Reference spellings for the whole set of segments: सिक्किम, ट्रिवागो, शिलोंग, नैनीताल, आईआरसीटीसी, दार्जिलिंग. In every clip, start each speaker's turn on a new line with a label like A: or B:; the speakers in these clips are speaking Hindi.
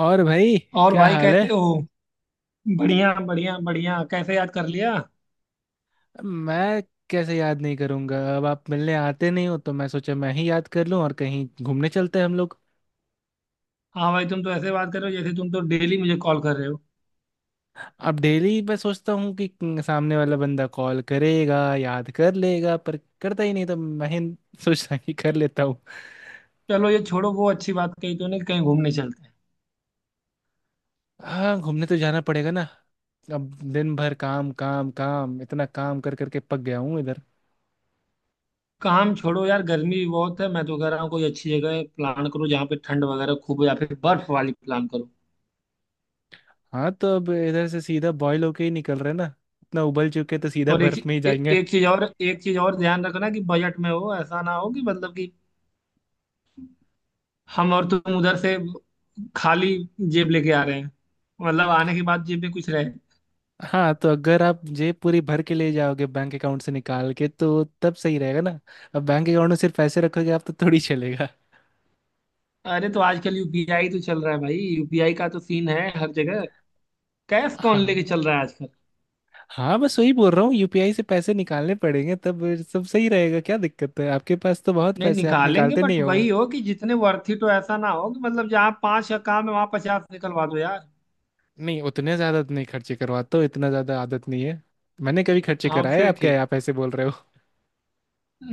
A: और भाई,
B: और
A: क्या
B: भाई
A: हाल
B: कैसे
A: है।
B: हो? बढ़िया बढ़िया बढ़िया। कैसे याद कर लिया?
A: मैं कैसे याद नहीं करूंगा? अब आप मिलने आते नहीं हो, तो मैं सोचा मैं ही याद कर लूं। और कहीं घूमने चलते हैं हम लोग।
B: हाँ भाई, तुम तो ऐसे बात कर रहे हो जैसे तुम तो डेली मुझे कॉल कर रहे हो।
A: अब डेली मैं सोचता हूँ कि सामने वाला बंदा कॉल करेगा, याद कर लेगा, पर करता ही नहीं, तो मैं ही सोचता कि कर लेता हूँ।
B: चलो, ये छोड़ो। वो अच्छी बात कही तूने कि कहीं घूमने चलते हैं।
A: हाँ, घूमने तो जाना पड़ेगा ना। अब दिन भर काम काम काम, इतना काम कर करके पक गया हूँ इधर।
B: काम छोड़ो यार, गर्मी भी बहुत है। मैं तो कह रहा हूँ कोई अच्छी जगह प्लान करो जहाँ पे ठंड वगैरह खूब हो, या फिर बर्फ वाली प्लान करो।
A: हाँ, तो अब इधर से सीधा बॉयल होके ही निकल रहे हैं ना। इतना उबल चुके हैं, तो सीधा
B: और एक
A: बर्फ में ही जाएंगे।
B: एक चीज और ध्यान रखना कि बजट में हो। ऐसा ना हो कि मतलब कि हम और तुम उधर से खाली जेब लेके आ रहे हैं। मतलब आने के बाद जेब में कुछ रहे।
A: हाँ, तो अगर आप जेब पूरी भर के ले जाओगे बैंक अकाउंट से निकाल के, तो तब सही रहेगा ना। अब बैंक अकाउंट में सिर्फ पैसे रखोगे आप, तो थोड़ी चलेगा।
B: अरे, तो आजकल यूपीआई तो चल रहा है भाई, यूपीआई का तो सीन है हर जगह। कैश कौन लेके
A: हाँ।
B: चल रहा है आजकल?
A: हाँ, बस वही बोल रहा हूँ, यूपीआई से पैसे निकालने पड़ेंगे तब सब सही रहेगा। क्या दिक्कत है? आपके पास तो बहुत
B: नहीं
A: पैसे हैं, आप
B: निकालेंगे,
A: निकालते
B: बट
A: नहीं हो।
B: वही हो कि जितने वर्थ इट हो। ऐसा ना हो कि मतलब जहाँ पांच का काम है वहां 50 निकलवा दो यार।
A: नहीं, उतने ज्यादा तो नहीं खर्चे करवाते हो, इतना ज्यादा आदत नहीं है। मैंने कभी खर्चे
B: हाँ,
A: कराए?
B: फिर
A: आप
B: ठीक।
A: क्या, आप ऐसे बोल रहे हो।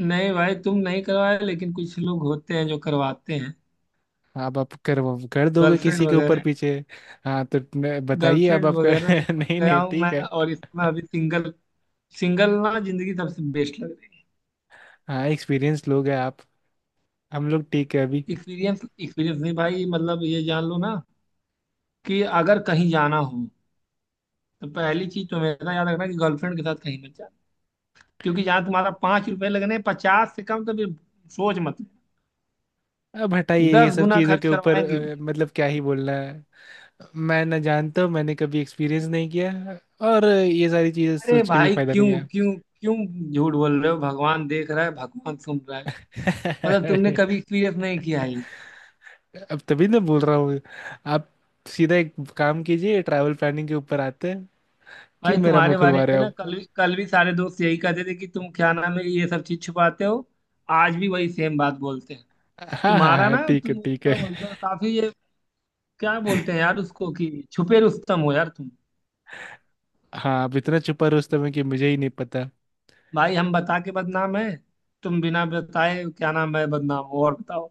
B: नहीं भाई, तुम नहीं करवाए, लेकिन कुछ लोग होते हैं जो करवाते हैं।
A: अब आप कर कर दोगे
B: गर्लफ्रेंड
A: किसी के ऊपर
B: वगैरह।
A: पीछे। हाँ, तो बताइए अब
B: गर्लफ्रेंड
A: आपका।
B: वगैरह से पक
A: नहीं
B: गया
A: नहीं,
B: हूँ मैं।
A: ठीक है।
B: और इसमें अभी सिंगल। सिंगल ना, जिंदगी सबसे बेस्ट लग रही
A: हाँ, एक्सपीरियंस लोग हैं आप। हम लोग ठीक है अभी।
B: है। एक्सपीरियंस। एक्सपीरियंस नहीं भाई, मतलब ये जान लो ना कि अगर कहीं जाना हो तो पहली चीज तो मेरा याद रखना कि गर्लफ्रेंड के साथ कहीं मत जाना। क्योंकि जहां तुम्हारा 5 रुपए लगने, 50 से कम तो फिर सोच मत
A: अब हटाइए
B: लेना।
A: ये
B: दस
A: सब
B: गुना
A: चीज़ों
B: खर्च
A: के ऊपर।
B: करवाएंगे।
A: मतलब क्या ही बोलना है। मैं ना जानता हूँ, मैंने कभी एक्सपीरियंस नहीं किया। और ये सारी चीज़ें
B: अरे
A: सोच के भी
B: भाई
A: फायदा
B: क्यों
A: नहीं है।
B: क्यों क्यों? झूठ बोल रहे हो, भगवान देख रहा है, भगवान सुन रहा है। मतलब तुमने कभी एक्सपीरियंस नहीं किया है ये।
A: अब तभी ना बोल रहा हूँ। आप सीधा एक काम कीजिए, ट्रैवल प्लानिंग के ऊपर आते हैं।
B: भाई
A: क्यों मेरा
B: तुम्हारे
A: मुंह
B: बारे
A: खुलवा
B: में
A: रहे हो
B: ना,
A: आप?
B: कल भी सारे दोस्त यही कहते थे कि तुम क्या नाम है ये सब चीज छुपाते हो। आज भी वही सेम बात बोलते हैं।
A: हाँ हाँ
B: तुम्हारा
A: हाँ,
B: ना,
A: ठीक है
B: तुम
A: ठीक है।
B: क्या बोलते हो काफी ये, क्या बोलते हैं यार उसको, कि छुपे रुस्तम हो यार तुम।
A: हाँ, आप इतना छुपा रुस्तम है कि मुझे ही नहीं पता।
B: भाई, हम बता के बदनाम है, तुम बिना बताए क्या नाम है बदनाम हो। और बताओ।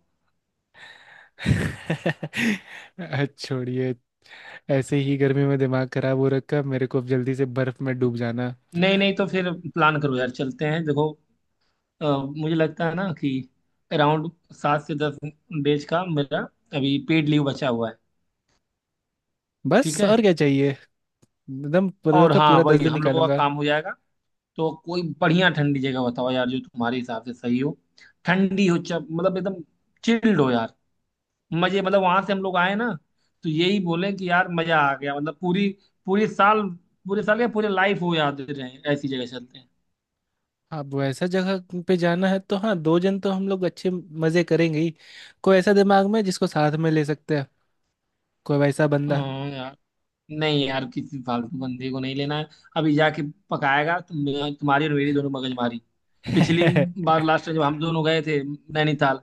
A: छोड़िए। ऐसे ही गर्मी में दिमाग खराब हो रखा मेरे को, अब जल्दी से बर्फ में डूब जाना।
B: नहीं नहीं, तो फिर प्लान करो यार, चलते हैं देखो। अ, मुझे लगता है ना कि अराउंड 7 से 10 डेज का मेरा अभी पेड लीव बचा हुआ है।
A: बस
B: ठीक है।
A: और क्या चाहिए। एकदम पूरा
B: और
A: का
B: हाँ,
A: पूरा दस
B: वही
A: दिन
B: हम लोगों का
A: निकालूंगा।
B: काम हो जाएगा। तो कोई बढ़िया ठंडी जगह बताओ यार जो तुम्हारे हिसाब से सही हो। ठंडी हो, चप मतलब एकदम चिल्ड हो यार। मजे, मतलब वहां से हम लोग आए ना तो यही बोले कि यार मजा आ गया। मतलब पूरी, पूरी साल, पूरे साल या पूरे लाइफ हो, याद रहे, ऐसी जगह चलते हैं।
A: अब ऐसा जगह पे जाना है तो हाँ, दो जन तो हम लोग अच्छे मजे करेंगे ही। कोई ऐसा दिमाग में जिसको साथ में ले सकते हैं, कोई वैसा बंदा।
B: हाँ यार। नहीं यार, किसी फालतू बंदे को नहीं लेना है। अभी जाके पकाएगा तुम, तुम्हारी और मेरी दोनों मगजमारी। पिछली बार, लास्ट जब हम दोनों गए थे नैनीताल,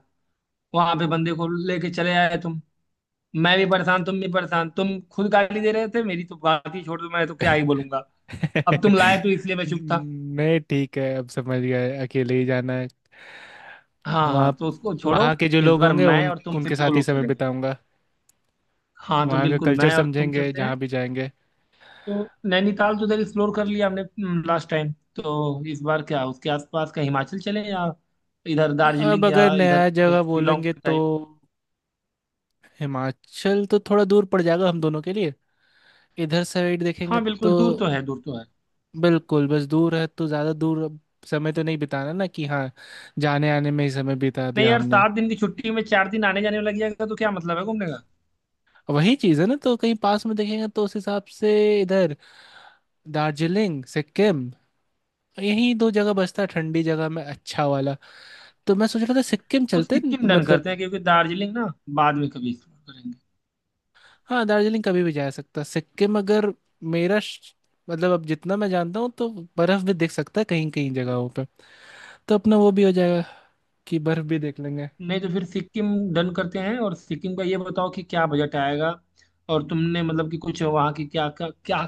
B: वहां पे बंदे को लेके चले आए तुम। मैं भी परेशान, तुम भी परेशान, तुम खुद गाली दे रहे थे। मेरी तो बात ही छोड़ दो, मैं तो क्या ही बोलूंगा। अब तुम लाए तो इसलिए मैं चुप था।
A: नहीं, ठीक है, अब समझ गए अकेले ही जाना है।
B: हाँ हाँ,
A: वहाँ
B: तो उसको छोड़ो।
A: वहाँ के जो
B: इस
A: लोग
B: बार
A: होंगे
B: मैं
A: उन
B: और तुम
A: उनके
B: सिर्फ दो
A: साथ ही
B: लोग
A: समय
B: चलेंगे।
A: बिताऊंगा।
B: हाँ, तो
A: वहाँ का
B: बिल्कुल
A: कल्चर
B: मैं और तुम
A: समझेंगे
B: चलते हैं।
A: जहाँ भी जाएंगे।
B: तो नैनीताल तो उधर एक्सप्लोर कर लिया हमने लास्ट टाइम। तो इस बार क्या, उसके आसपास का हिमाचल चलें, या इधर
A: अब
B: दार्जिलिंग,
A: अगर
B: या इधर
A: नया जगह
B: शिलोंग
A: बोलेंगे, तो
B: टाइप।
A: हिमाचल तो थोड़ा दूर पड़ जाएगा हम दोनों के लिए। इधर साइड देखेंगे
B: हाँ बिल्कुल,
A: तो
B: दूर तो है, दूर तो है।
A: बिल्कुल, बस दूर है, तो ज़्यादा दूर अब समय तो नहीं बिताना ना कि हाँ, जाने आने में ही समय बिता
B: नहीं
A: दिया
B: यार,
A: हमने।
B: 7 दिन की छुट्टी में 4 दिन आने जाने में लग जाएगा तो क्या मतलब है घूमने का।
A: वही चीज़ है ना, तो कहीं पास में देखेंगे तो उस हिसाब से इधर दार्जिलिंग, सिक्किम, यही दो जगह बचता है ठंडी जगह में अच्छा वाला। तो मैं सोच रहा था सिक्किम
B: तो
A: चलते हैं,
B: सिक्किम डन करते हैं,
A: मतलब।
B: क्योंकि दार्जिलिंग ना बाद में कभी एक्सप्लोर करेंगे।
A: हाँ, दार्जिलिंग कभी भी जा सकता है। सिक्किम अगर मेरा मतलब, अब जितना मैं जानता हूँ तो बर्फ भी देख सकता है कहीं कहीं जगहों पे। तो अपना वो भी हो जाएगा कि बर्फ भी देख लेंगे।
B: नहीं तो फिर सिक्किम डन करते हैं। और सिक्किम का ये बताओ कि क्या बजट आएगा। और तुमने मतलब कि कुछ वहाँ की क्या क्या, क्या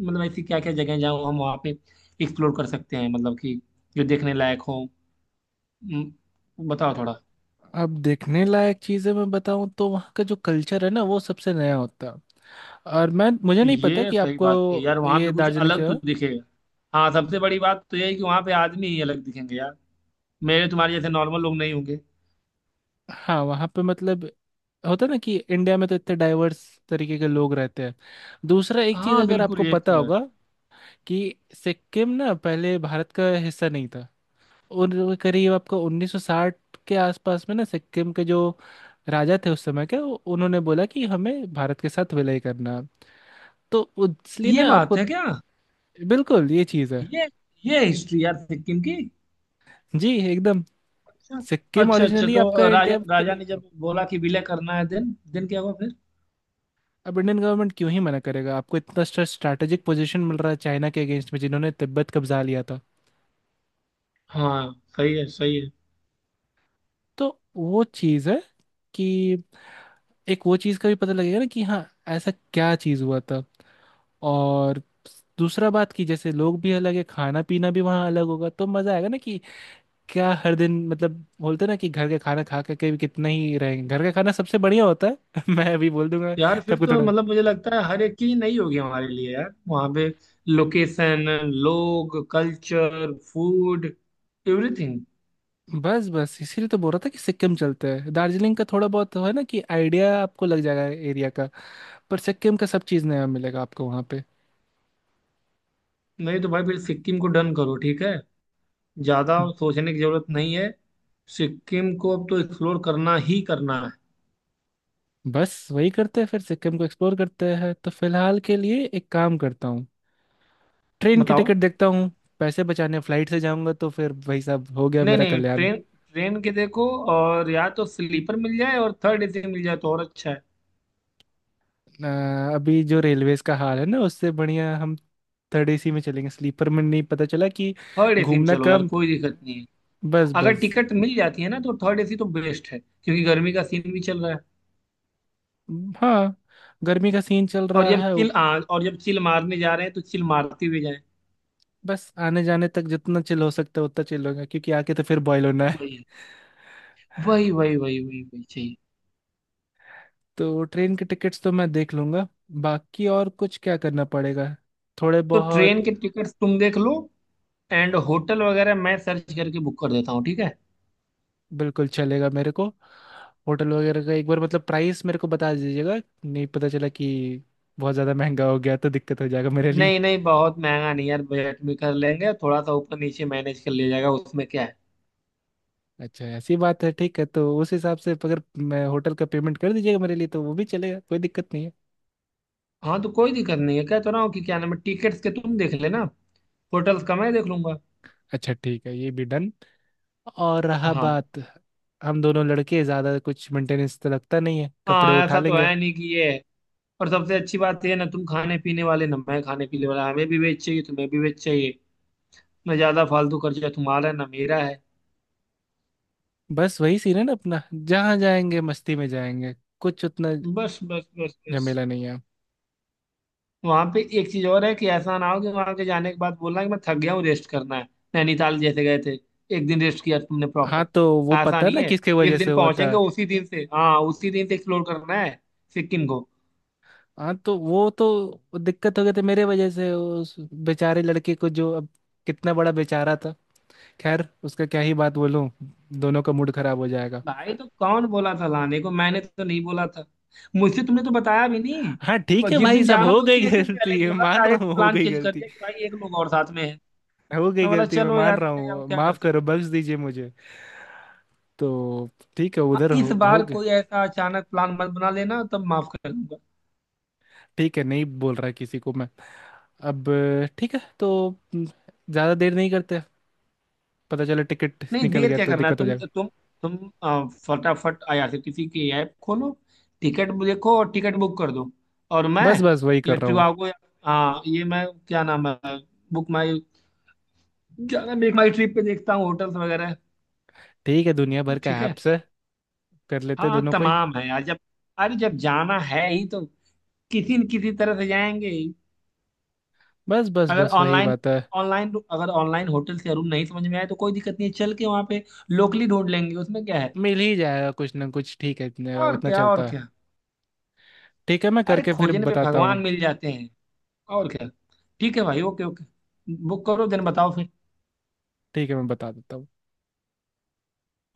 B: मतलब ऐसी क्या क्या जगह जहाँ हम वहाँ पे एक्सप्लोर कर सकते हैं, मतलब कि जो देखने लायक हो। बताओ थोड़ा।
A: अब देखने लायक चीज़ें मैं बताऊँ तो वहाँ का जो कल्चर है ना, वो सबसे नया होता है। और मैं मुझे नहीं पता
B: ये
A: कि
B: सही
A: आपको
B: बात है यार, वहाँ
A: ये
B: पे कुछ
A: दार्जिलिंग
B: अलग
A: का।
B: तो दिखेगा। हाँ, सबसे बड़ी बात तो यही कि वहाँ पे आदमी ही अलग दिखेंगे यार। मेरे तुम्हारे जैसे नॉर्मल लोग नहीं होंगे।
A: हाँ, वहाँ पे मतलब होता है ना कि इंडिया में तो इतने डाइवर्स तरीके के लोग रहते हैं। दूसरा एक चीज़
B: हाँ
A: अगर
B: बिल्कुल,
A: आपको
B: ये
A: पता
B: तो है।
A: होगा कि सिक्किम ना पहले भारत का हिस्सा नहीं था, और वो करीब आपको 1960 के आसपास में ना सिक्किम के जो राजा थे उस समय के, उन्होंने बोला कि हमें भारत के साथ विलय करना। तो इसलिए
B: ये
A: ना
B: बात
A: आपको।
B: है क्या?
A: बिल्कुल ये चीज़ है
B: ये ये हिस्ट्री यार, सिक्किम की।
A: जी, एकदम।
B: अच्छा
A: सिक्किम
B: अच्छा अच्छा,
A: ओरिजिनली
B: तो
A: आपका
B: राजा
A: इंडिया का
B: राजा
A: नहीं
B: ने
A: था।
B: जब बोला कि विलय करना है, देन देन क्या हुआ फिर?
A: अब इंडियन गवर्नमेंट क्यों ही मना करेगा, आपको इतना स्ट्रैटेजिक पोजीशन मिल रहा है चाइना के अगेंस्ट में, जिन्होंने तिब्बत कब्जा लिया था।
B: हाँ सही है, सही है।
A: तो वो चीज़ है कि एक वो चीज़ का भी पता लगेगा ना कि हाँ, ऐसा क्या चीज़ हुआ था। और दूसरा बात कि जैसे लोग भी अलग है, खाना पीना भी वहाँ अलग होगा, तो मजा आएगा ना कि क्या हर दिन मतलब बोलते ना कि घर का खाना खा करके भी कितना ही रहेंगे, घर का खाना सबसे बढ़िया होता है। मैं अभी बोल दूंगा।
B: यार
A: तब
B: फिर
A: को
B: तो
A: थोड़ा
B: मतलब मुझे लगता है हर एक चीज नई होगी हमारे लिए यार वहाँ पे। लोकेशन, लोग, कल्चर, फूड, एवरीथिंग।
A: बस बस इसीलिए तो बोल रहा था कि सिक्किम चलते हैं। दार्जिलिंग का थोड़ा बहुत है ना कि आइडिया आपको लग जाएगा एरिया का, पर सिक्किम का सब चीज़ नया मिलेगा आपको वहाँ पे।
B: नहीं तो भाई, फिर सिक्किम को डन करो, ठीक है। ज्यादा सोचने की जरूरत नहीं है। सिक्किम को अब तो एक्सप्लोर करना ही करना है।
A: बस वही करते हैं, फिर सिक्किम को एक्सप्लोर करते हैं। तो फिलहाल के लिए एक काम करता हूँ, ट्रेन की
B: बताओ।
A: टिकट देखता हूँ। पैसे बचाने फ्लाइट से जाऊंगा तो फिर भाई साहब हो गया
B: नहीं
A: मेरा
B: नहीं,
A: कल्याण।
B: ट्रेन ट्रेन के देखो। और या तो स्लीपर मिल जाए, और थर्ड एसी मिल जाए तो और अच्छा है।
A: अ, अभी जो रेलवेज का हाल है ना, उससे बढ़िया हम थर्ड एसी में चलेंगे, स्लीपर में नहीं। पता चला कि
B: थर्ड एसी में
A: घूमना
B: चलो यार,
A: कब।
B: कोई दिक्कत नहीं है।
A: बस
B: अगर
A: बस।
B: टिकट मिल जाती है ना तो थर्ड एसी तो बेस्ट है, क्योंकि गर्मी का सीन भी चल रहा है।
A: हाँ, गर्मी का सीन चल रहा है वो।
B: और जब चिल मारने जा रहे हैं तो चिल मारते हुए जाएं।
A: बस आने जाने तक जितना चिल हो सकता है उतना चिल होगा, क्योंकि आके तो फिर बॉयल होना है।
B: वही है, वही वही वही वही वही चाहिए।
A: तो ट्रेन के टिकट्स तो मैं देख लूंगा। बाकी और कुछ क्या करना पड़ेगा, थोड़े
B: तो
A: बहुत।
B: ट्रेन के टिकट्स तुम देख लो, एंड होटल वगैरह मैं सर्च करके बुक कर देता हूँ, ठीक है।
A: बिल्कुल चलेगा मेरे को। होटल वगैरह का एक बार मतलब प्राइस मेरे को बता दीजिएगा। नहीं, पता चला कि बहुत ज़्यादा महंगा हो गया तो दिक्कत हो जाएगा मेरे लिए।
B: नहीं नहीं, बहुत महंगा नहीं यार, बजट में कर लेंगे, थोड़ा सा ऊपर नीचे मैनेज कर लिया जाएगा, उसमें क्या है।
A: अच्छा, ऐसी बात है। ठीक है, तो उस हिसाब से अगर मैं होटल का पेमेंट कर दीजिएगा मेरे लिए, तो वो भी चलेगा, कोई दिक्कत नहीं है।
B: हाँ, तो कोई दिक्कत नहीं है, कहता रहा हूँ कि क्या नाम है, टिकट्स के तुम देख लेना, होटल्स का मैं देख लूंगा।
A: अच्छा, ठीक है, ये भी डन। और रहा
B: हाँ
A: बात, हम दोनों लड़के ज़्यादा कुछ मेंटेनेंस तो लगता नहीं है, कपड़े
B: हाँ,
A: उठा
B: ऐसा तो
A: लेंगे।
B: है नहीं कि ये। और सबसे अच्छी बात ये है ना, तुम खाने पीने वाले ना, मैं खाने पीने वाला, हमें भी वेज चाहिए, तुम्हें भी वेज चाहिए। ना ज्यादा फालतू खर्चा तुम्हारा है, ना मेरा है।
A: बस वही सीन है ना अपना, जहाँ जाएंगे मस्ती में जाएंगे, कुछ उतना
B: बस बस बस बस।
A: झमेला नहीं है।
B: वहां पे एक चीज और है कि ऐसा ना हो कि वहां के जाने के बाद बोलना कि मैं थक गया हूँ, रेस्ट करना है। नैनीताल जैसे गए थे, एक दिन रेस्ट किया तुमने
A: हाँ,
B: प्रॉपर।
A: तो वो
B: ऐसा
A: पता
B: नहीं
A: ना
B: है।
A: किसके
B: जिस
A: वजह से
B: दिन
A: हुआ था।
B: पहुंचेंगे उसी दिन से, हाँ उसी दिन से एक्सप्लोर करना है सिक्किम को।
A: हाँ, तो वो तो दिक्कत हो गई थी मेरे वजह से, उस बेचारे लड़के को जो अब, कितना बड़ा बेचारा था, खैर उसका क्या ही बात बोलूं, दोनों का मूड खराब हो जाएगा।
B: भाई तो कौन बोला था लाने को, मैंने तो नहीं बोला था। मुझसे तुमने तो बताया भी नहीं।
A: हाँ, ठीक है
B: जिस
A: भाई
B: दिन
A: साहब,
B: जाना
A: हो
B: था
A: गई
B: उसके एक दिन
A: गलती
B: पहले
A: मैं
B: बोला,
A: मान रहा
B: डायरेक्ट
A: हूँ, हो
B: प्लान
A: गई
B: चेंज कर
A: गलती।
B: दिया कि भाई एक लोग और साथ में है।
A: हो गई
B: मैं बोला
A: गलती मैं
B: चलो
A: मान
B: यार
A: रहा
B: ले आओ,
A: हूँ,
B: क्या कर
A: माफ
B: सकते
A: करो,
B: हैं।
A: बख्श दीजिए मुझे। तो ठीक है,
B: हाँ,
A: उधर
B: इस
A: हो
B: बार
A: गए।
B: कोई ऐसा अचानक प्लान मत बना लेना, तब माफ कर दूंगा।
A: ठीक है, नहीं बोल रहा किसी को मैं अब। ठीक है, तो ज्यादा देर नहीं करते, पता चला टिकट
B: नहीं,
A: निकल
B: देर
A: गया
B: क्या
A: तो
B: करना है,
A: दिक्कत हो
B: तुम
A: जाएगी।
B: तुम तुम अ, फटाफट आईआरसीटीसी की ऐप खोलो, टिकट देखो और टिकट बुक कर दो। और मैं,
A: बस बस, वही
B: ये
A: कर रहा हूँ।
B: ट्रिवागो, हाँ ये मैं क्या नाम है, बुक माई, ज्यादा मेक माई ट्रिप पे देखता हूँ होटल्स वगैरह।
A: ठीक है, दुनिया भर का
B: ठीक है।
A: ऐप्स है, कर लेते हैं
B: हाँ
A: दोनों को ही।
B: तमाम है यार, जब अरे जब जाना है ही तो किसी न किसी तरह से जाएंगे ही।
A: बस बस
B: अगर
A: बस, वही
B: ऑनलाइन
A: बात है।
B: ऑनलाइन अगर ऑनलाइन होटल से रूम नहीं समझ में आए तो कोई दिक्कत नहीं है, चल के वहां पे लोकली ढूंढ लेंगे, उसमें क्या है।
A: मिल ही जाएगा कुछ ना कुछ, ठीक है,
B: और
A: उतना
B: क्या, और
A: चलता है।
B: क्या।
A: ठीक है, मैं
B: अरे
A: करके फिर
B: खोजने पे
A: बताता
B: भगवान
A: हूँ।
B: मिल जाते हैं। और क्या। ठीक है भाई, ओके ओके, बुक करो, दिन बताओ फिर।
A: ठीक है, मैं बता देता हूँ।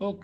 B: ओके।